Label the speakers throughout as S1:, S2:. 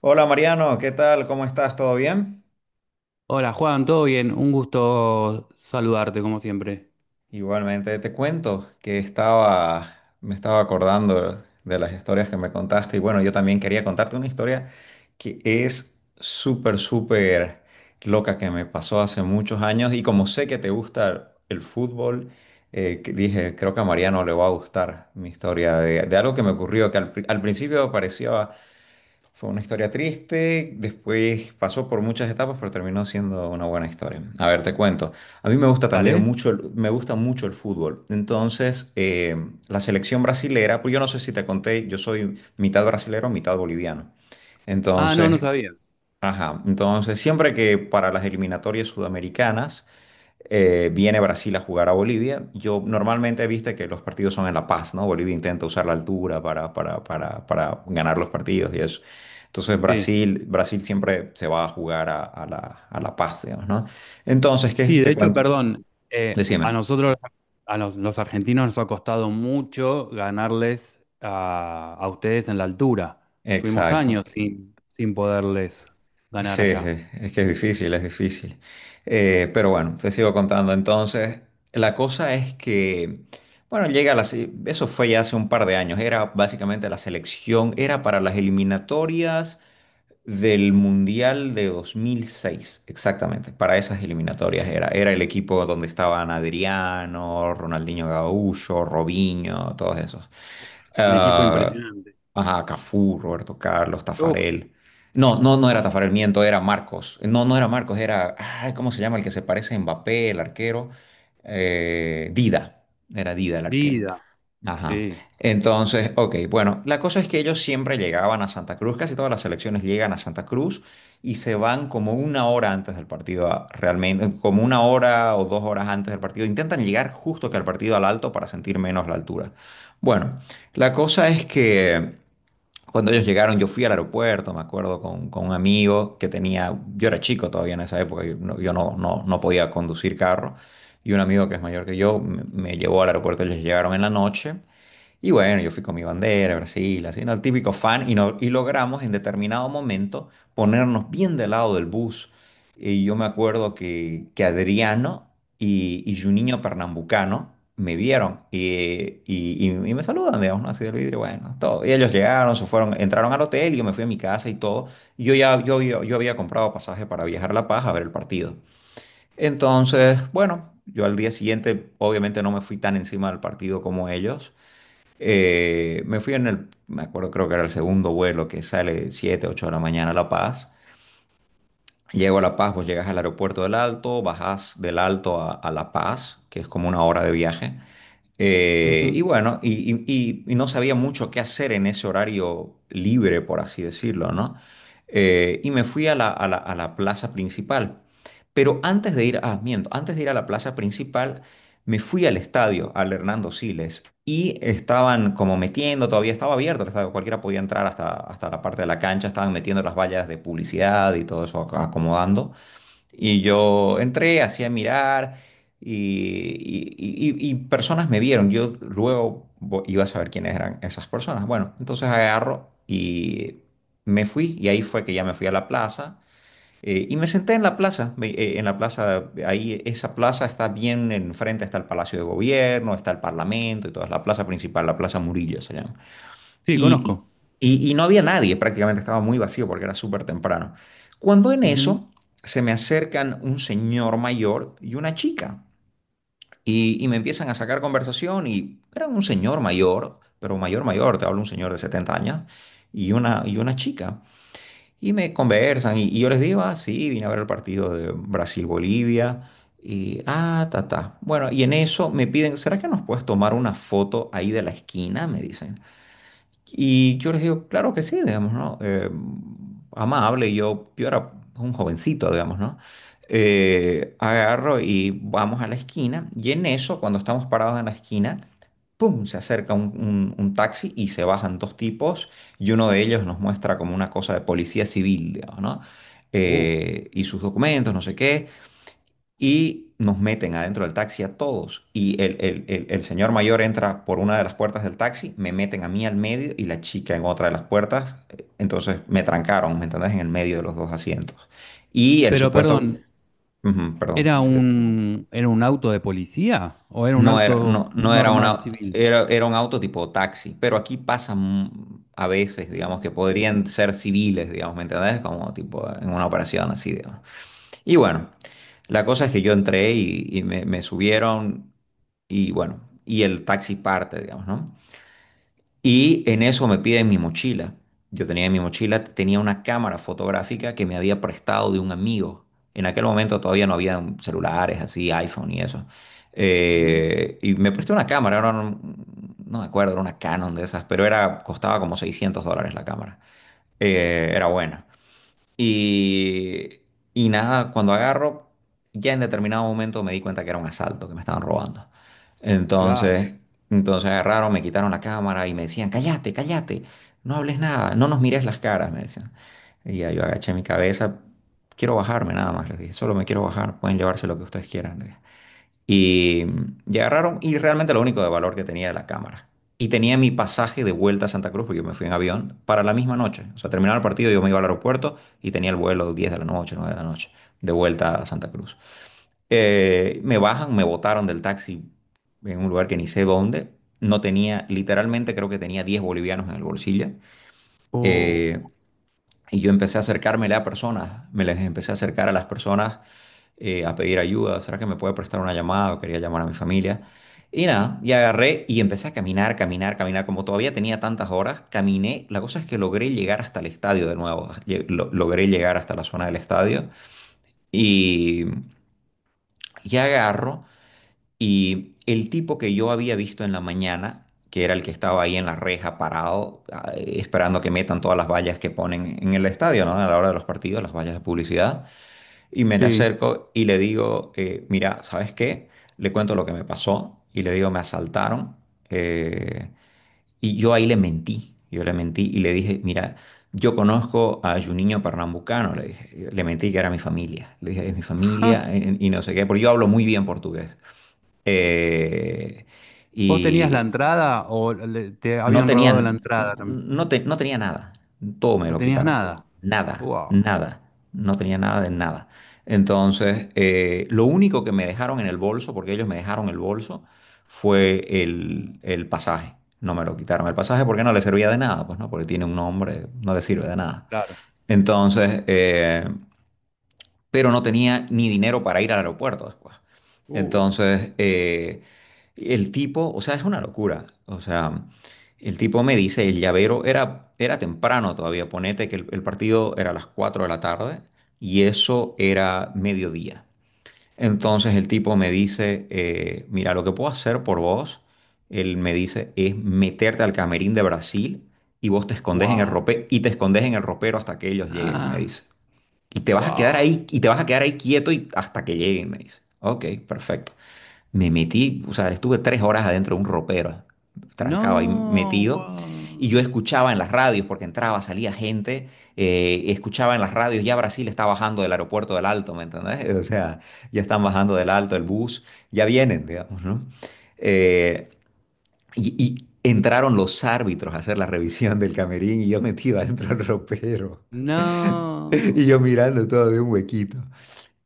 S1: Hola Mariano, ¿qué tal? ¿Cómo estás? ¿Todo bien?
S2: Hola Juan, ¿todo bien? Un gusto saludarte como siempre.
S1: Igualmente te cuento que me estaba acordando de las historias que me contaste y bueno, yo también quería contarte una historia que es súper, súper loca que me pasó hace muchos años y como sé que te gusta el fútbol. Que dije, creo que a Mariano le va a gustar mi historia de algo que me ocurrió que al principio parecía fue una historia triste, después pasó por muchas etapas, pero terminó siendo una buena historia. A ver, te cuento. A mí
S2: ¿Dale?
S1: me gusta mucho el fútbol. Entonces, la selección brasilera, pues yo no sé si te conté, yo soy mitad brasilero, mitad boliviano.
S2: Ah, no, no
S1: Entonces,
S2: sabía.
S1: ajá, entonces siempre que para las eliminatorias sudamericanas viene Brasil a jugar a Bolivia. Yo normalmente, viste que los partidos son en La Paz, ¿no? Bolivia intenta usar la altura para ganar los partidos y eso. Entonces
S2: Sí,
S1: Brasil siempre se va a jugar a La Paz, digamos, ¿no? Entonces, ¿qué?
S2: sí, de
S1: Te
S2: hecho,
S1: cuento.
S2: perdón, eh, a
S1: Decime.
S2: nosotros, a los argentinos nos ha costado mucho ganarles a ustedes en la altura. Tuvimos
S1: Exacto.
S2: años sin poderles ganar
S1: Sí,
S2: allá.
S1: sí, es que es difícil, es difícil. Pero bueno, te sigo contando. Entonces, la cosa es que, bueno, llega eso fue ya hace un par de años, era básicamente la selección, era para las eliminatorias del Mundial de 2006, exactamente, para esas eliminatorias era. Era el equipo donde estaban Adriano, Ronaldinho Gaúcho, Robinho, todos esos.
S2: Un equipo
S1: Ah,
S2: impresionante.
S1: ajá, Cafú, Roberto Carlos,
S2: Uf,
S1: Tafarel. No, no, no era
S2: oh,
S1: Tafarel, miento, era Marcos. No, no era Marcos, era, ay, ¿cómo se llama? El que se parece a Mbappé, el arquero. Dida, era Dida el arquero.
S2: Dida,
S1: Ajá.
S2: sí.
S1: Entonces, ok, bueno, la cosa es que ellos siempre llegaban a Santa Cruz, casi todas las selecciones llegan a Santa Cruz y se van como una hora antes del partido, realmente, como una hora o 2 horas antes del partido. Intentan llegar justo que al partido al alto para sentir menos la altura. Bueno, la cosa es que cuando ellos llegaron, yo fui al aeropuerto, me acuerdo, con un amigo que tenía, yo era chico todavía en esa época, yo no podía conducir carro. Y un amigo que es mayor que yo me llevó al aeropuerto, ellos llegaron en la noche. Y bueno, yo fui con mi bandera, Brasil, así, ¿no? El típico fan, y, no- y logramos en determinado momento ponernos bien del lado del bus. Y yo me acuerdo que Adriano y Juninho Pernambucano me vieron y me saludan, digamos, ¿no? Así del vidrio, bueno, todo. Y ellos llegaron, se fueron, entraron al hotel y yo me fui a mi casa y todo. Y yo ya, yo había comprado pasaje para viajar a La Paz a ver el partido. Entonces, bueno, yo al día siguiente obviamente no me fui tan encima del partido como ellos. Me fui me acuerdo, creo que era el segundo vuelo que sale 7 8 de la mañana a La Paz. Llego a La Paz, vos llegas al aeropuerto del Alto, bajás del Alto a La Paz, que es como una hora de viaje.
S2: Ujú.
S1: Y bueno, y no sabía mucho qué hacer en ese horario libre, por así decirlo, ¿no? Y me fui a la plaza principal. Pero antes de ir, ah, miento, antes de ir a la plaza principal, me fui al estadio, al Hernando Siles, y estaban como metiendo, todavía estaba abierto el estadio, cualquiera podía entrar hasta la parte de la cancha, estaban metiendo las vallas de publicidad y todo eso, acomodando. Y yo entré, hacía mirar y, y personas me vieron. Yo luego iba a saber quiénes eran esas personas. Bueno, entonces agarro y me fui y ahí fue que ya me fui a la plaza. Y me senté en la plaza, en la plaza, ahí esa plaza está bien enfrente, está el Palacio de Gobierno, está el Parlamento y toda, es la plaza principal, la Plaza Murillo se llama.
S2: Sí,
S1: Y,
S2: conozco.
S1: y no había nadie, prácticamente estaba muy vacío porque era súper temprano. Cuando en
S2: Ujú.
S1: eso se me acercan un señor mayor y una chica y me empiezan a sacar conversación y era un señor mayor, pero mayor mayor, te hablo un señor de 70 años y una chica. Y me conversan y yo les digo, ah, sí, vine a ver el partido de Brasil-Bolivia. Y, ah, ta, ta. Bueno, y en eso me piden, ¿será que nos puedes tomar una foto ahí de la esquina? Me dicen. Y yo les digo, claro que sí, digamos, ¿no? Amable, yo era un jovencito, digamos, ¿no? Agarro y vamos a la esquina y en eso, cuando estamos parados en la esquina, ¡pum! Se acerca un taxi y se bajan dos tipos y uno de ellos nos muestra como una cosa de policía civil, digamos, ¿no?
S2: Uh,
S1: Y sus documentos, no sé qué y nos meten adentro del taxi a todos. Y el señor mayor entra por una de las puertas del taxi, me meten a mí al medio y la chica en otra de las puertas. Entonces me trancaron, ¿me entendés? En el medio de los dos asientos. Y el
S2: Pero
S1: supuesto,
S2: perdón,
S1: ujú, perdón,
S2: ¿era
S1: sí,
S2: un, era un auto de policía o era un
S1: no era,
S2: auto
S1: no, no era
S2: normal
S1: una,
S2: civil?
S1: era un auto tipo taxi, pero aquí pasan a veces, digamos,
S2: Mm,
S1: que podrían ser civiles, digamos, ¿me entendés? Como tipo en una operación así, digamos. Y bueno, la cosa es que yo entré y me subieron y bueno, y el taxi parte, digamos, ¿no? Y en eso me piden mi mochila. Yo tenía en mi mochila, tenía una cámara fotográfica que me había prestado de un amigo. En aquel momento todavía no había celulares así, iPhone y eso.
S2: ujú,
S1: Y me prestó una cámara, era no me acuerdo, era una Canon de esas, pero era, costaba como $600 la cámara. Era buena. Y, y nada, cuando agarro, ya en determinado momento me di cuenta que era un asalto, que me estaban robando.
S2: claro.
S1: Entonces, entonces agarraron, me quitaron la cámara y me decían, cállate, cállate, no hables nada, no nos mires las caras, me decían. Y ya yo agaché mi cabeza, quiero bajarme nada más, les dije, solo me quiero bajar, pueden llevarse lo que ustedes quieran. Y, y agarraron, y realmente lo único de valor que tenía era la cámara. Y tenía mi pasaje de vuelta a Santa Cruz, porque yo me fui en avión, para la misma noche. O sea, terminaba el partido, yo me iba al aeropuerto y tenía el vuelo 10 de la noche, 9 de la noche, de vuelta a Santa Cruz. Me bajan, me botaron del taxi en un lugar que ni sé dónde. No tenía, literalmente creo que tenía 10 bolivianos en el bolsillo. Eh,
S2: Oh,
S1: y yo empecé a acercármele a personas, me les empecé a acercar a las personas a pedir ayuda, ¿será que me puede prestar una llamada? O quería llamar a mi familia. Y nada, y agarré y empecé a caminar, caminar, caminar, como todavía tenía tantas horas, caminé, la cosa es que logré llegar hasta el estadio de nuevo, logré llegar hasta la zona del estadio y, y agarro. Y el tipo que yo había visto en la mañana, que era el que estaba ahí en la reja parado, esperando que metan todas las vallas que ponen en el estadio, ¿no? A la hora de los partidos, las vallas de publicidad. Y me le
S2: sí.
S1: acerco y le digo, mira, ¿sabes qué? Le cuento lo que me pasó y le digo, me asaltaron. eh, y yo ahí le mentí, yo le mentí y le dije, mira, yo conozco a Juninho Pernambucano, le dije, le mentí que era mi familia. Le dije, es mi
S2: Ja,
S1: familia y no sé qué, porque yo hablo muy bien portugués. Eh,
S2: ¿vos tenías la
S1: y
S2: entrada o le- te
S1: no
S2: habían robado la
S1: tenían,
S2: entrada también?
S1: no, no tenía nada. Todo me
S2: No
S1: lo
S2: tenías
S1: quitaron.
S2: nada.
S1: Nada,
S2: Wow,
S1: nada. No tenía nada de nada. Entonces, lo único que me dejaron en el bolso, porque ellos me dejaron el bolso, fue el pasaje. No me lo quitaron el pasaje porque no le servía de nada, pues no, porque tiene un nombre, no le sirve de nada.
S2: claro.
S1: Entonces, pero no tenía ni dinero para ir al aeropuerto después.
S2: Uh,
S1: Entonces, el tipo, o sea, es una locura. O sea, el tipo me dice, el llavero era, era temprano todavía, ponete que el partido era a las 4 de la tarde y eso era mediodía. Entonces el tipo me dice, mira, lo que puedo hacer por vos, él me dice, es meterte al camerín de Brasil y vos
S2: wow.
S1: te escondes en el ropero hasta que ellos lleguen, me
S2: Ah,
S1: dice. Y te vas a quedar
S2: wow.
S1: ahí, y te vas a quedar ahí quieto y hasta que lleguen, me dice. Ok, perfecto. Me metí, o sea, estuve 3 horas adentro de un ropero, trancado ahí
S2: No,
S1: metido. Y yo
S2: wow.
S1: escuchaba en las radios, porque entraba, salía gente, escuchaba en las radios, ya Brasil está bajando del aeropuerto del Alto, ¿me entendés? O sea, ya están bajando del Alto el bus, ya vienen, digamos, ¿no? Eh, y, y entraron los árbitros a hacer la revisión del camerín y yo metido adentro del ropero. Y yo
S2: No.
S1: mirando todo de un huequito.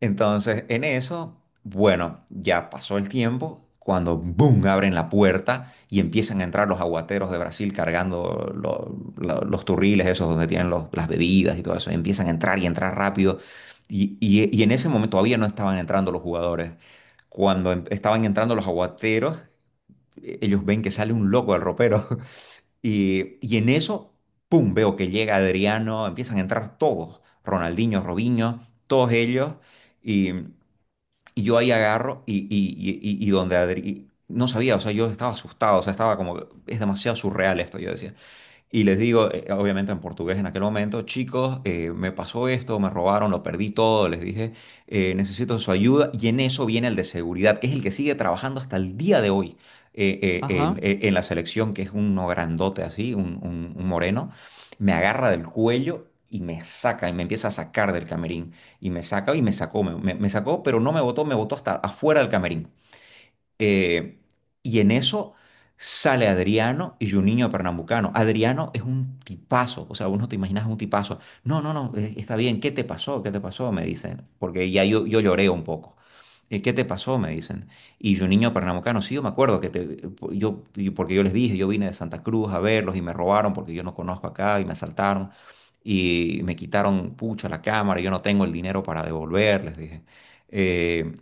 S1: Entonces, en eso, bueno, ya pasó el tiempo. Cuando, boom, abren la puerta y empiezan a entrar los aguateros de Brasil cargando los turriles, esos donde tienen las bebidas y todo eso. Empiezan a entrar y entrar rápido. Y en ese momento todavía no estaban entrando los jugadores. Cuando estaban entrando los aguateros, ellos ven que sale un loco del ropero. Y en eso, pum, veo que llega Adriano, empiezan a entrar todos. Ronaldinho, Robinho, todos ellos. Y yo ahí agarro. No sabía, o sea, yo estaba asustado, o sea, estaba como, que es demasiado surreal esto, yo decía. Y les digo, obviamente en portugués en aquel momento, chicos, me pasó esto, me robaron, lo perdí todo, les dije, necesito su ayuda. Y en eso viene el de seguridad, que es el que sigue trabajando hasta el día de hoy, eh, eh, en,
S2: Ajá.
S1: eh, en la selección, que es uno grandote así, un moreno. Me agarra del cuello y me saca, y me empieza a sacar del camerín. Y me sacó, me sacó, pero no me botó, me botó hasta afuera del camerín. Eh, y en eso sale Adriano y Juninho Pernambucano. Adriano es un tipazo, o sea, vos no te imaginas un tipazo. No, no, no, está bien, ¿qué te pasó? ¿Qué te pasó? Me dicen, porque ya yo lloré un poco. ¿Qué te pasó? Me dicen. Y Juninho Pernambucano, sí, yo me acuerdo que te, yo- porque yo les dije, yo vine de Santa Cruz a verlos y me robaron porque yo no conozco acá y me asaltaron y me quitaron, pucha, la cámara, yo no tengo el dinero para devolver, les dije. Eh,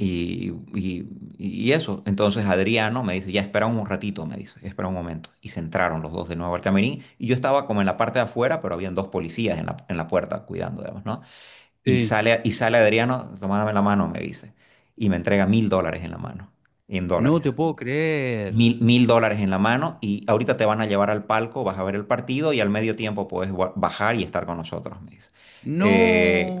S1: y, y- y eso, entonces Adriano me dice, ya espera un ratito, me dice, espera un momento. Y se entraron los dos de nuevo al camerín y yo estaba como en la parte de afuera, pero habían dos policías en la puerta cuidando, digamos, ¿no? Y
S2: Sí.
S1: sale, y sale Adriano, tomándome la mano, me dice, y me entrega $1.000 en la mano, en
S2: No te
S1: dólares
S2: puedo creer.
S1: mil dólares en la mano y ahorita te van a llevar al palco, vas a ver el partido y al medio tiempo puedes bajar y estar con nosotros, me dice. Eh,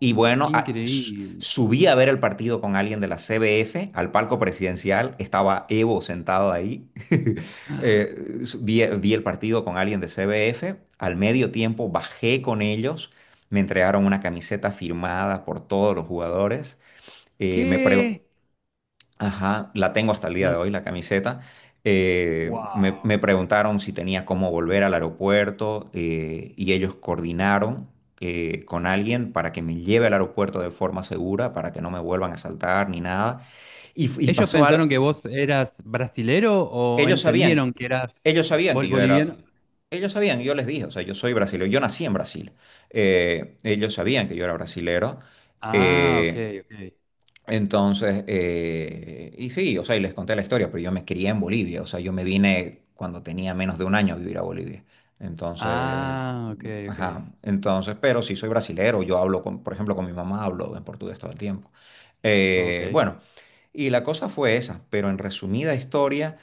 S1: y
S2: qué
S1: bueno,
S2: increíble.
S1: subí a ver el partido con alguien de la CBF al palco presidencial, estaba Evo sentado ahí. Vi el partido con alguien de CBF, al medio tiempo bajé con ellos, me entregaron una camiseta firmada por todos los jugadores. Me preguntó
S2: ¿Qué?
S1: Ajá, la tengo hasta el día de
S2: No,
S1: hoy, la camiseta. Eh, me,
S2: wow.
S1: me preguntaron si tenía cómo volver al aeropuerto, y ellos coordinaron, con alguien para que me lleve al aeropuerto de forma segura, para que no me vuelvan a asaltar ni nada. Y
S2: ¿Ellos
S1: pasó algo,
S2: pensaron que vos eras brasilero o
S1: ellos
S2: entendieron
S1: sabían,
S2: que eras
S1: ellos sabían
S2: bol-
S1: que yo
S2: boliviano?
S1: era, ellos sabían, yo les dije, o sea, yo soy brasileño, yo nací en Brasil. Ellos sabían que yo era brasilero.
S2: Ah, ok,
S1: Eh,
S2: ok.
S1: entonces, sí, o sea, y les conté la historia, pero yo me crié en Bolivia, o sea, yo me vine cuando tenía menos de un año a vivir a Bolivia. Entonces,
S2: Ah, ok, ok.
S1: ajá, entonces, pero sí soy brasilero, yo hablo con, por ejemplo, con mi mamá hablo en portugués todo el tiempo.
S2: Ok.
S1: Bueno, y la cosa fue esa, pero en resumida historia,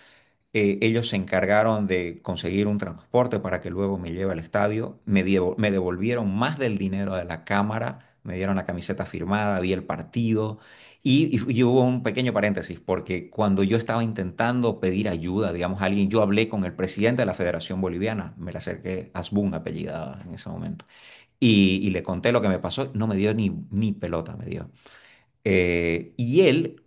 S1: ellos se encargaron de conseguir un transporte para que luego me lleve al estadio. Me devolvieron más del dinero de la cámara, me dieron la camiseta firmada, vi el partido. Y hubo un pequeño paréntesis, porque cuando yo estaba intentando pedir ayuda, digamos, a alguien, yo hablé con el presidente de la Federación Boliviana, me le acerqué, Asbun apellidada en ese momento, y le conté lo que me pasó, no me dio ni pelota, me dio. Y él,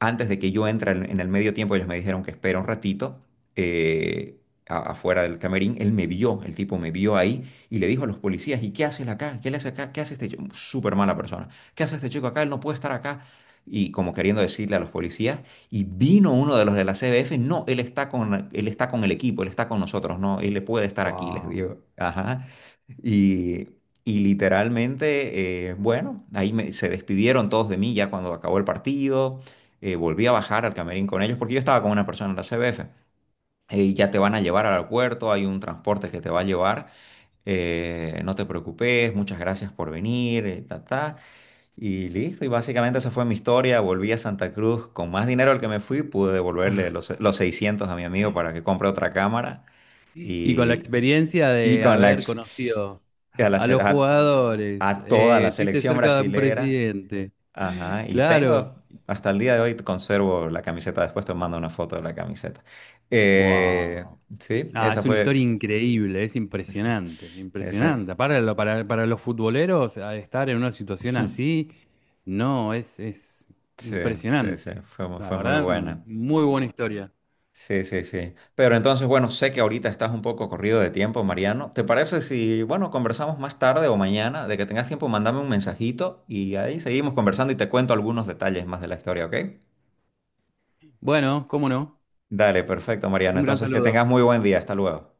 S1: antes de que yo entre en el medio tiempo, ellos me dijeron que espera un ratito, eh, afuera del camerín. Él me vio, el tipo me vio ahí y le dijo a los policías, ¿y qué haces acá? ¿Qué le hace acá? ¿Qué hace este chico? Súper mala persona. ¿Qué hace este chico acá? Él no puede estar acá. Y como queriendo decirle a los policías, y vino uno de los de la CBF, no, él está con el equipo, él está con nosotros, no, él le puede estar aquí, les
S2: Wow.
S1: digo. Ajá. Y, y literalmente, bueno, ahí se despidieron todos de mí ya cuando acabó el partido. Volví a bajar al camerín con ellos porque yo estaba con una persona en la CBF. Ya te van a llevar al aeropuerto, hay un transporte que te va a llevar, no te preocupes, muchas gracias por venir. Y listo, y básicamente esa fue mi historia. Volví a Santa Cruz con más dinero al que me fui, pude devolverle los 600 a mi amigo para que compre otra cámara.
S2: Y con la
S1: Y,
S2: experiencia
S1: y
S2: de
S1: con la,
S2: haber
S1: ex-
S2: conocido
S1: a
S2: a los
S1: la,
S2: jugadores,
S1: a toda la
S2: estuviste
S1: selección
S2: cerca de un
S1: brasilera.
S2: presidente.
S1: Ajá,
S2: Claro.
S1: hasta el día de hoy conservo la camiseta, después te mando una foto de la camiseta. Eh,
S2: Wow.
S1: sí,
S2: Ah, es
S1: esa
S2: una historia
S1: fue,
S2: increíble, es
S1: esa,
S2: impresionante,
S1: esa-
S2: impresionante. Para, lo- para los futboleros, al estar en una situación así, no, es
S1: sí, sí, sí,
S2: impresionante.
S1: fue, mu-
S2: La
S1: fue muy
S2: verdad,
S1: buena.
S2: muy buena historia.
S1: Sí, sí, sí. Pero entonces, bueno, sé que ahorita estás un poco corrido de tiempo, Mariano. ¿Te parece si, bueno, conversamos más tarde o mañana, de que tengas tiempo, mandame un mensajito y ahí seguimos conversando y te cuento algunos detalles más de la historia, ok?
S2: Bueno, cómo no,
S1: Dale, perfecto, Mariana.
S2: un gran
S1: Entonces, que
S2: saludo.
S1: tengas muy buen día. Hasta luego.